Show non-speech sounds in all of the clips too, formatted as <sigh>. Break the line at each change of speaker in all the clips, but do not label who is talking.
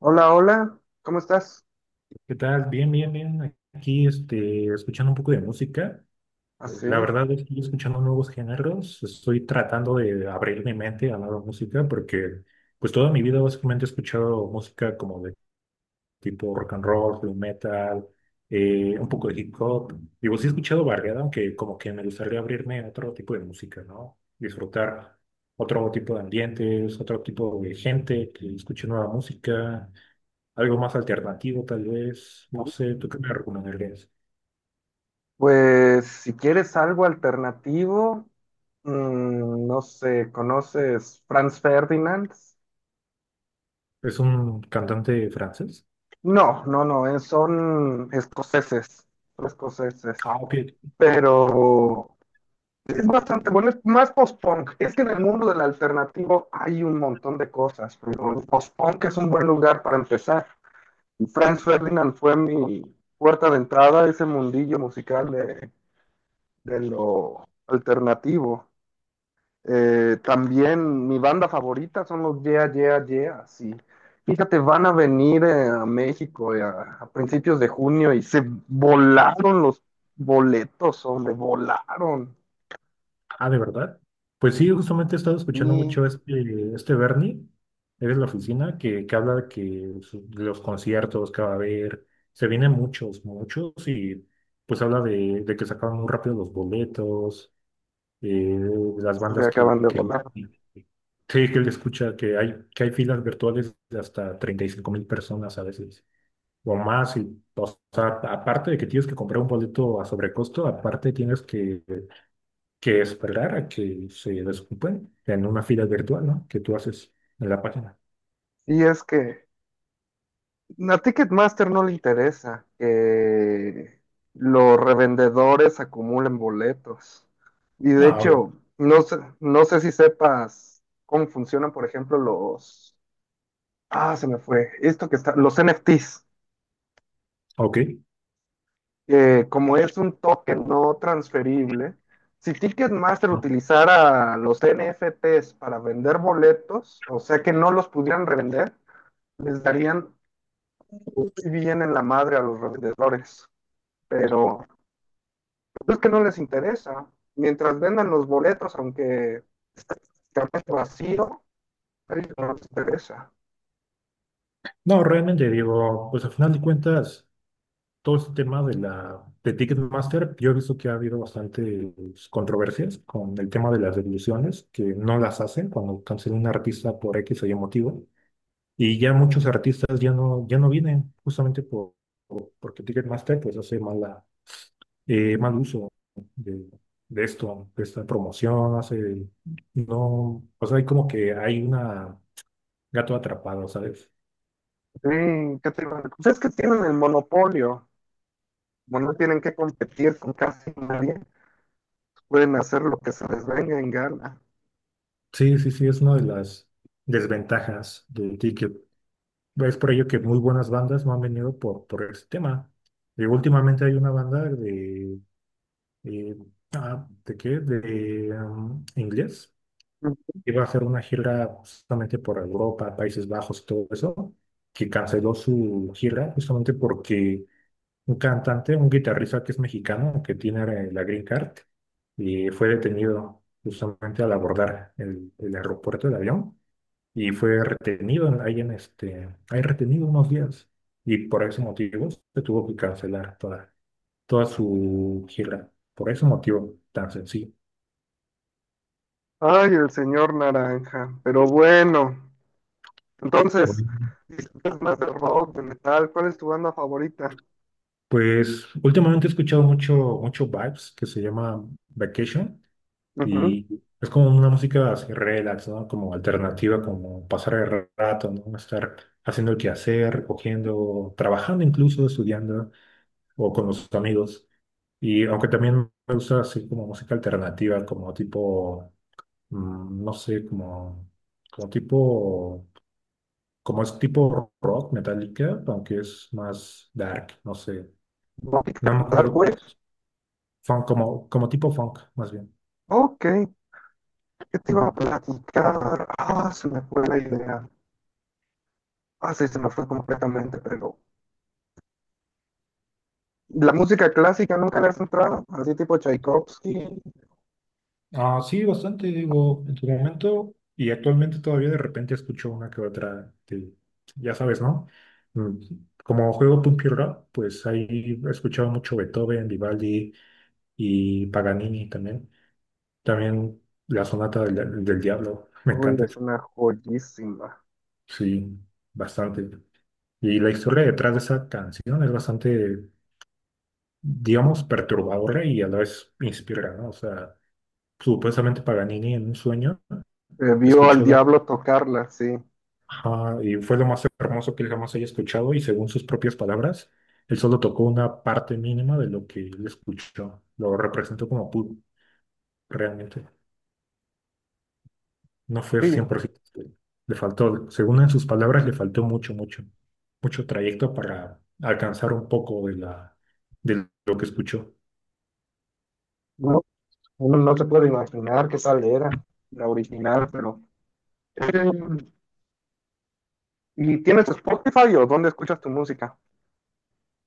Hola, hola, ¿cómo estás?
¿Qué tal? Bien, bien, bien. Aquí, este, escuchando un poco de música. La
Así.
verdad es que estoy escuchando nuevos géneros. Estoy tratando de abrir mi mente a nueva música porque, pues, toda mi vida básicamente he escuchado música como de tipo rock and roll, blue metal, un poco de hip hop. Digo, sí he escuchado variedad, aunque como que me gustaría abrirme a otro tipo de música, ¿no? Disfrutar otro tipo de ambientes, otro tipo de gente que escuche nueva música. Algo más alternativo, tal vez. No sé, ¿tú qué me recomendarías?
Pues si quieres algo alternativo, no sé, ¿conoces Franz Ferdinand?
¿Es un cantante francés?
No, no, no, son escoceses, son escoceses,
Ah, ok.
pero es bastante bueno, es más post-punk. Es que en el mundo del alternativo hay un montón de cosas, pero el post-punk es un buen lugar para empezar. Franz Ferdinand fue mi puerta de entrada a ese mundillo musical de lo alternativo. También mi banda favorita son los Yeah, Yeah, Yeah, sí. Fíjate, van a venir a México, a principios de junio y se volaron los boletos, hombre, volaron.
Ah, ¿de verdad? Pues sí, justamente he estado escuchando
Y
mucho este Bernie, eres la oficina, que habla de que de los conciertos que va a haber, se vienen muchos, muchos, y pues habla de que sacaban muy rápido los boletos, eh, las
se
bandas
acaban de volar.
sí, que él escucha, que hay filas virtuales de hasta 35,000 personas a veces. O más. Y, o sea, aparte de que tienes que comprar un boleto a sobrecosto, aparte tienes que esperar a que se desocupen en una fila virtual, ¿no? Que tú haces en la página.
Y es que a Ticketmaster no le interesa que los revendedores acumulen boletos. Y de
No, obvio.
hecho, no sé, si sepas cómo funcionan, por ejemplo, los... Ah, se me fue. Esto que está... Los NFTs.
Ok.
Que como es un token no transferible, si Ticketmaster
No,
utilizara los NFTs para vender boletos, o sea que no los pudieran revender, les darían muy bien en la madre a los revendedores. Pero pues es que no les interesa. Mientras vendan los boletos, aunque esté prácticamente vacío, a ellos no les interesa.
no, realmente digo, pues al final de cuentas, todo este tema de la de Ticketmaster, yo he visto que ha habido bastantes controversias con el tema de las devoluciones, que no las hacen cuando cancelan un artista por X o Y motivo. Y ya muchos artistas ya no, ya no vienen justamente por, porque Ticketmaster pues hace mala, mal uso de, de esto, de esta promoción, hace, no, o sea, hay como que hay una gato atrapado, ¿sabes?
Sí, ¿qué te iba a- decir? Pues es que tienen el monopolio. Bueno, no tienen que competir con casi nadie. Pueden hacer lo que se les venga en gana.
Sí, sí, sí, es una de las desventajas del ticket. Es por ello que muy buenas bandas no han venido por este tema. Y últimamente hay una banda de, eh, ah, ¿de qué? De inglés iba a hacer una gira justamente por Europa, Países Bajos y todo eso, que canceló su gira justamente porque un cantante, un guitarrista que es mexicano, que tiene la Green Card, y fue detenido justamente al abordar el aeropuerto del avión y fue retenido ahí en este, ahí retenido unos días y por ese motivo se tuvo que cancelar toda, toda su gira, por ese motivo tan sencillo.
Ay, el señor Naranja. Pero bueno, entonces,
Bueno.
disfrutas más de rock, de metal. ¿Cuál es tu banda favorita?
Pues últimamente he escuchado mucho, mucho Vibes que se llama Vacation
Ujú.
y es como una música así relax, ¿no? Como alternativa, como pasar el rato, ¿no? Estar haciendo el quehacer, cogiendo, trabajando incluso, estudiando o con los amigos. Y aunque también me gusta así como música alternativa, como tipo, no sé, como, como tipo, como es tipo rock, metálica, aunque es más dark, no sé. No me
Dark
acuerdo.
Wave.
Funk, como, como tipo funk, más bien.
Ok, ¿qué te iba a
Ujú.
platicar? Ah, se me fue la idea. Ah, sí, se me fue completamente, pero la música clásica nunca le has entrado, así tipo Tchaikovsky.
Ah, sí, bastante, digo, en su momento y actualmente todavía de repente escucho una que otra, que, ya sabes, ¿no? Mm, Como juego punk y rock, pues ahí he escuchado mucho Beethoven, Vivaldi y Paganini también. También la sonata del diablo, <laughs> me
Uy,
encanta,
es una joyísima.
sí, bastante. Y la historia detrás de esa canción es bastante, digamos, perturbadora y a la vez inspiradora, ¿no? O sea, supuestamente Paganini en un sueño
Vio al
escuchó la.
diablo tocarla, sí.
Ajá, y fue lo más hermoso que él jamás haya escuchado y según sus propias palabras, él solo tocó una parte mínima de lo que él escuchó. Lo representó como pudo, realmente. No fue
Sí,
100%. Le faltó, según en sus palabras, le faltó mucho, mucho, mucho trayecto para alcanzar un poco de la, de lo que escuchó.
no, uno no se puede imaginar qué tal era la original, pero... eh, ¿y tienes Spotify o dónde escuchas tu música?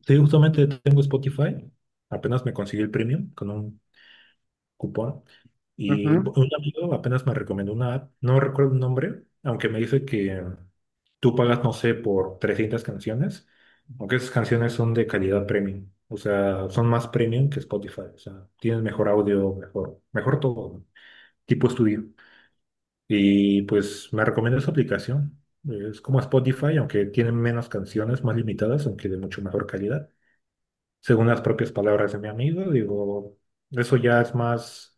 Sí, justamente tengo Spotify. Apenas me conseguí el premium con un cupón. Y
Ujú,
un amigo apenas me recomendó una app, no recuerdo el nombre, aunque me dice que tú pagas, no sé, por 300 canciones, aunque esas canciones son de calidad premium, o sea, son más premium que Spotify, o sea, tienes mejor audio, mejor, mejor todo, ¿no? Tipo estudio. Y pues me recomienda esa aplicación. Es como Spotify, aunque tiene menos canciones, más limitadas, aunque de mucho mejor calidad. Según las propias palabras de mi amigo, digo, eso ya es más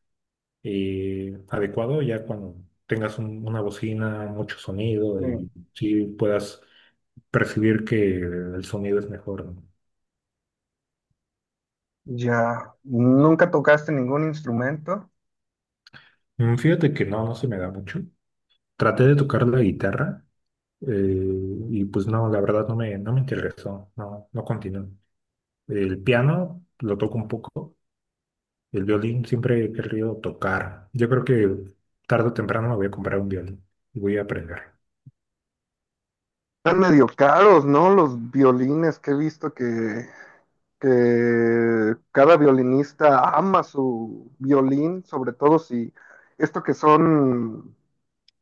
adecuado ya cuando tengas una bocina, mucho sonido
eh,
y sí puedas percibir que el sonido es mejor. ¿No?
ya, ¿nunca tocaste ningún instrumento?
Fíjate que no, no se me da mucho. Traté de tocar la guitarra eh, y pues no, la verdad no me interesó, no, no continué. El piano lo toco un poco, el violín siempre he querido tocar. Yo creo que tarde o temprano me voy a comprar un violín y voy a aprender.
Están medio caros, ¿no? Los violines que he visto que cada violinista ama su violín, sobre todo si esto que son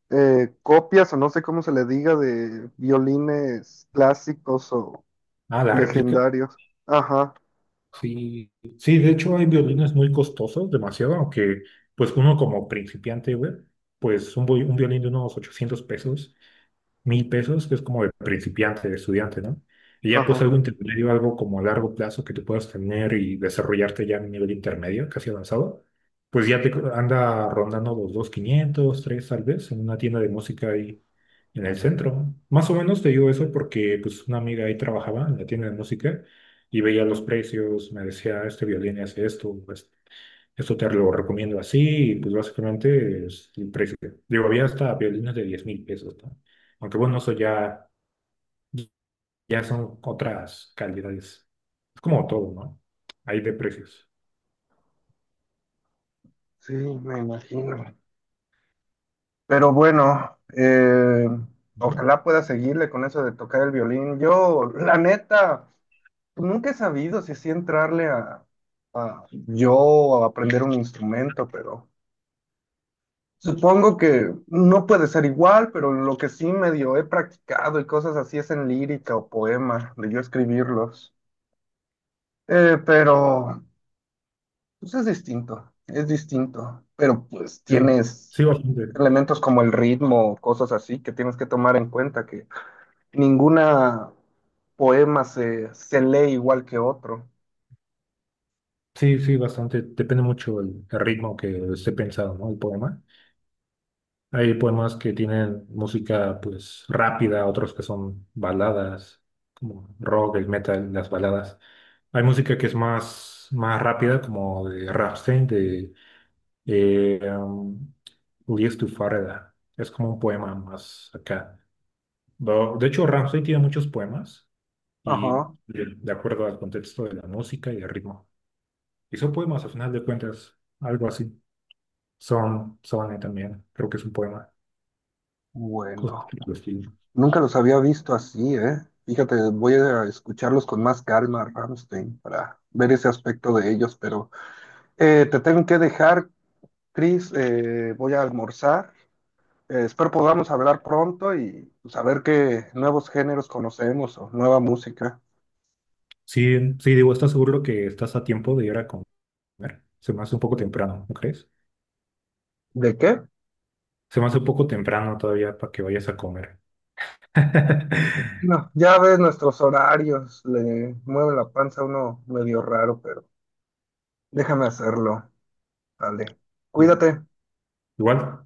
copias o no sé cómo se le diga de violines clásicos o
Ah, la réplica.
legendarios. Ajá,
Sí, sí, de hecho hay violines muy costosos, demasiado, aunque pues uno como principiante, güey, pues un, un violín de unos 800 pesos, 1,000 pesos, que es como de principiante, de estudiante, ¿no? Y ya pues
ajá.
algo intermedio, algo como a largo plazo que tú puedas tener y desarrollarte ya a un nivel intermedio, casi avanzado, pues ya anda rondando los 2,500, 3 tal vez, en una tienda de música ahí en el centro. Más o menos te digo eso porque pues una amiga ahí trabajaba en la tienda de música y veía los precios, me decía, este violín hace esto, pues, eso te lo recomiendo así, y pues básicamente es el precio. Digo, había hasta violines de 10,000 pesos, ¿no? Aunque bueno, eso ya, ya son otras calidades. Es como todo, ¿no? Hay de precios.
Sí, me imagino. Pero bueno,
Ujú.
ojalá pueda seguirle con eso de tocar el violín. Yo, la neta, pues nunca he sabido si sí entrarle a yo a aprender un instrumento, pero supongo que no puede ser igual, pero lo que sí medio he practicado y cosas así es en lírica o poema, de yo escribirlos. Pero pues es distinto, es distinto. Pero pues
Sí,
tienes
sí, bastante.
elementos como el ritmo, cosas así que tienes que tomar en cuenta que ninguna poema se lee igual que otro.
Sí, sí, bastante. Depende mucho el ritmo que esté pensado, ¿no? El poema. Hay poemas que tienen música, pues, rápida, otros que son baladas, como rock, el metal, las baladas. Hay música que es más, más rápida, como de Rammstein, de eh, um, Lies to Farida. Es como un poema más acá. De hecho, Rammstein tiene muchos poemas y
Ajá,
de, acuerdo al contexto de la música y el ritmo. Y son poemas, al final de cuentas, algo así. Son también, creo que es un poema. Cosas
bueno.
por el estilo.
Nunca los había visto así, ¿eh? Fíjate, voy a escucharlos con más calma, Rammstein, para ver ese aspecto de ellos, pero te tengo que dejar, Chris, voy a almorzar. Espero podamos hablar pronto y saber qué nuevos géneros conocemos o nueva música.
Sí, sí, digo, ¿estás seguro que estás a tiempo de ir a comer? Se me hace un poco temprano, ¿no crees?
¿De qué?
Se me hace un poco temprano todavía para que vayas a comer. <laughs>
No, ya ves nuestros horarios, le mueve la panza a uno medio raro, pero déjame hacerlo. Dale,
Bien.
cuídate.
Igual,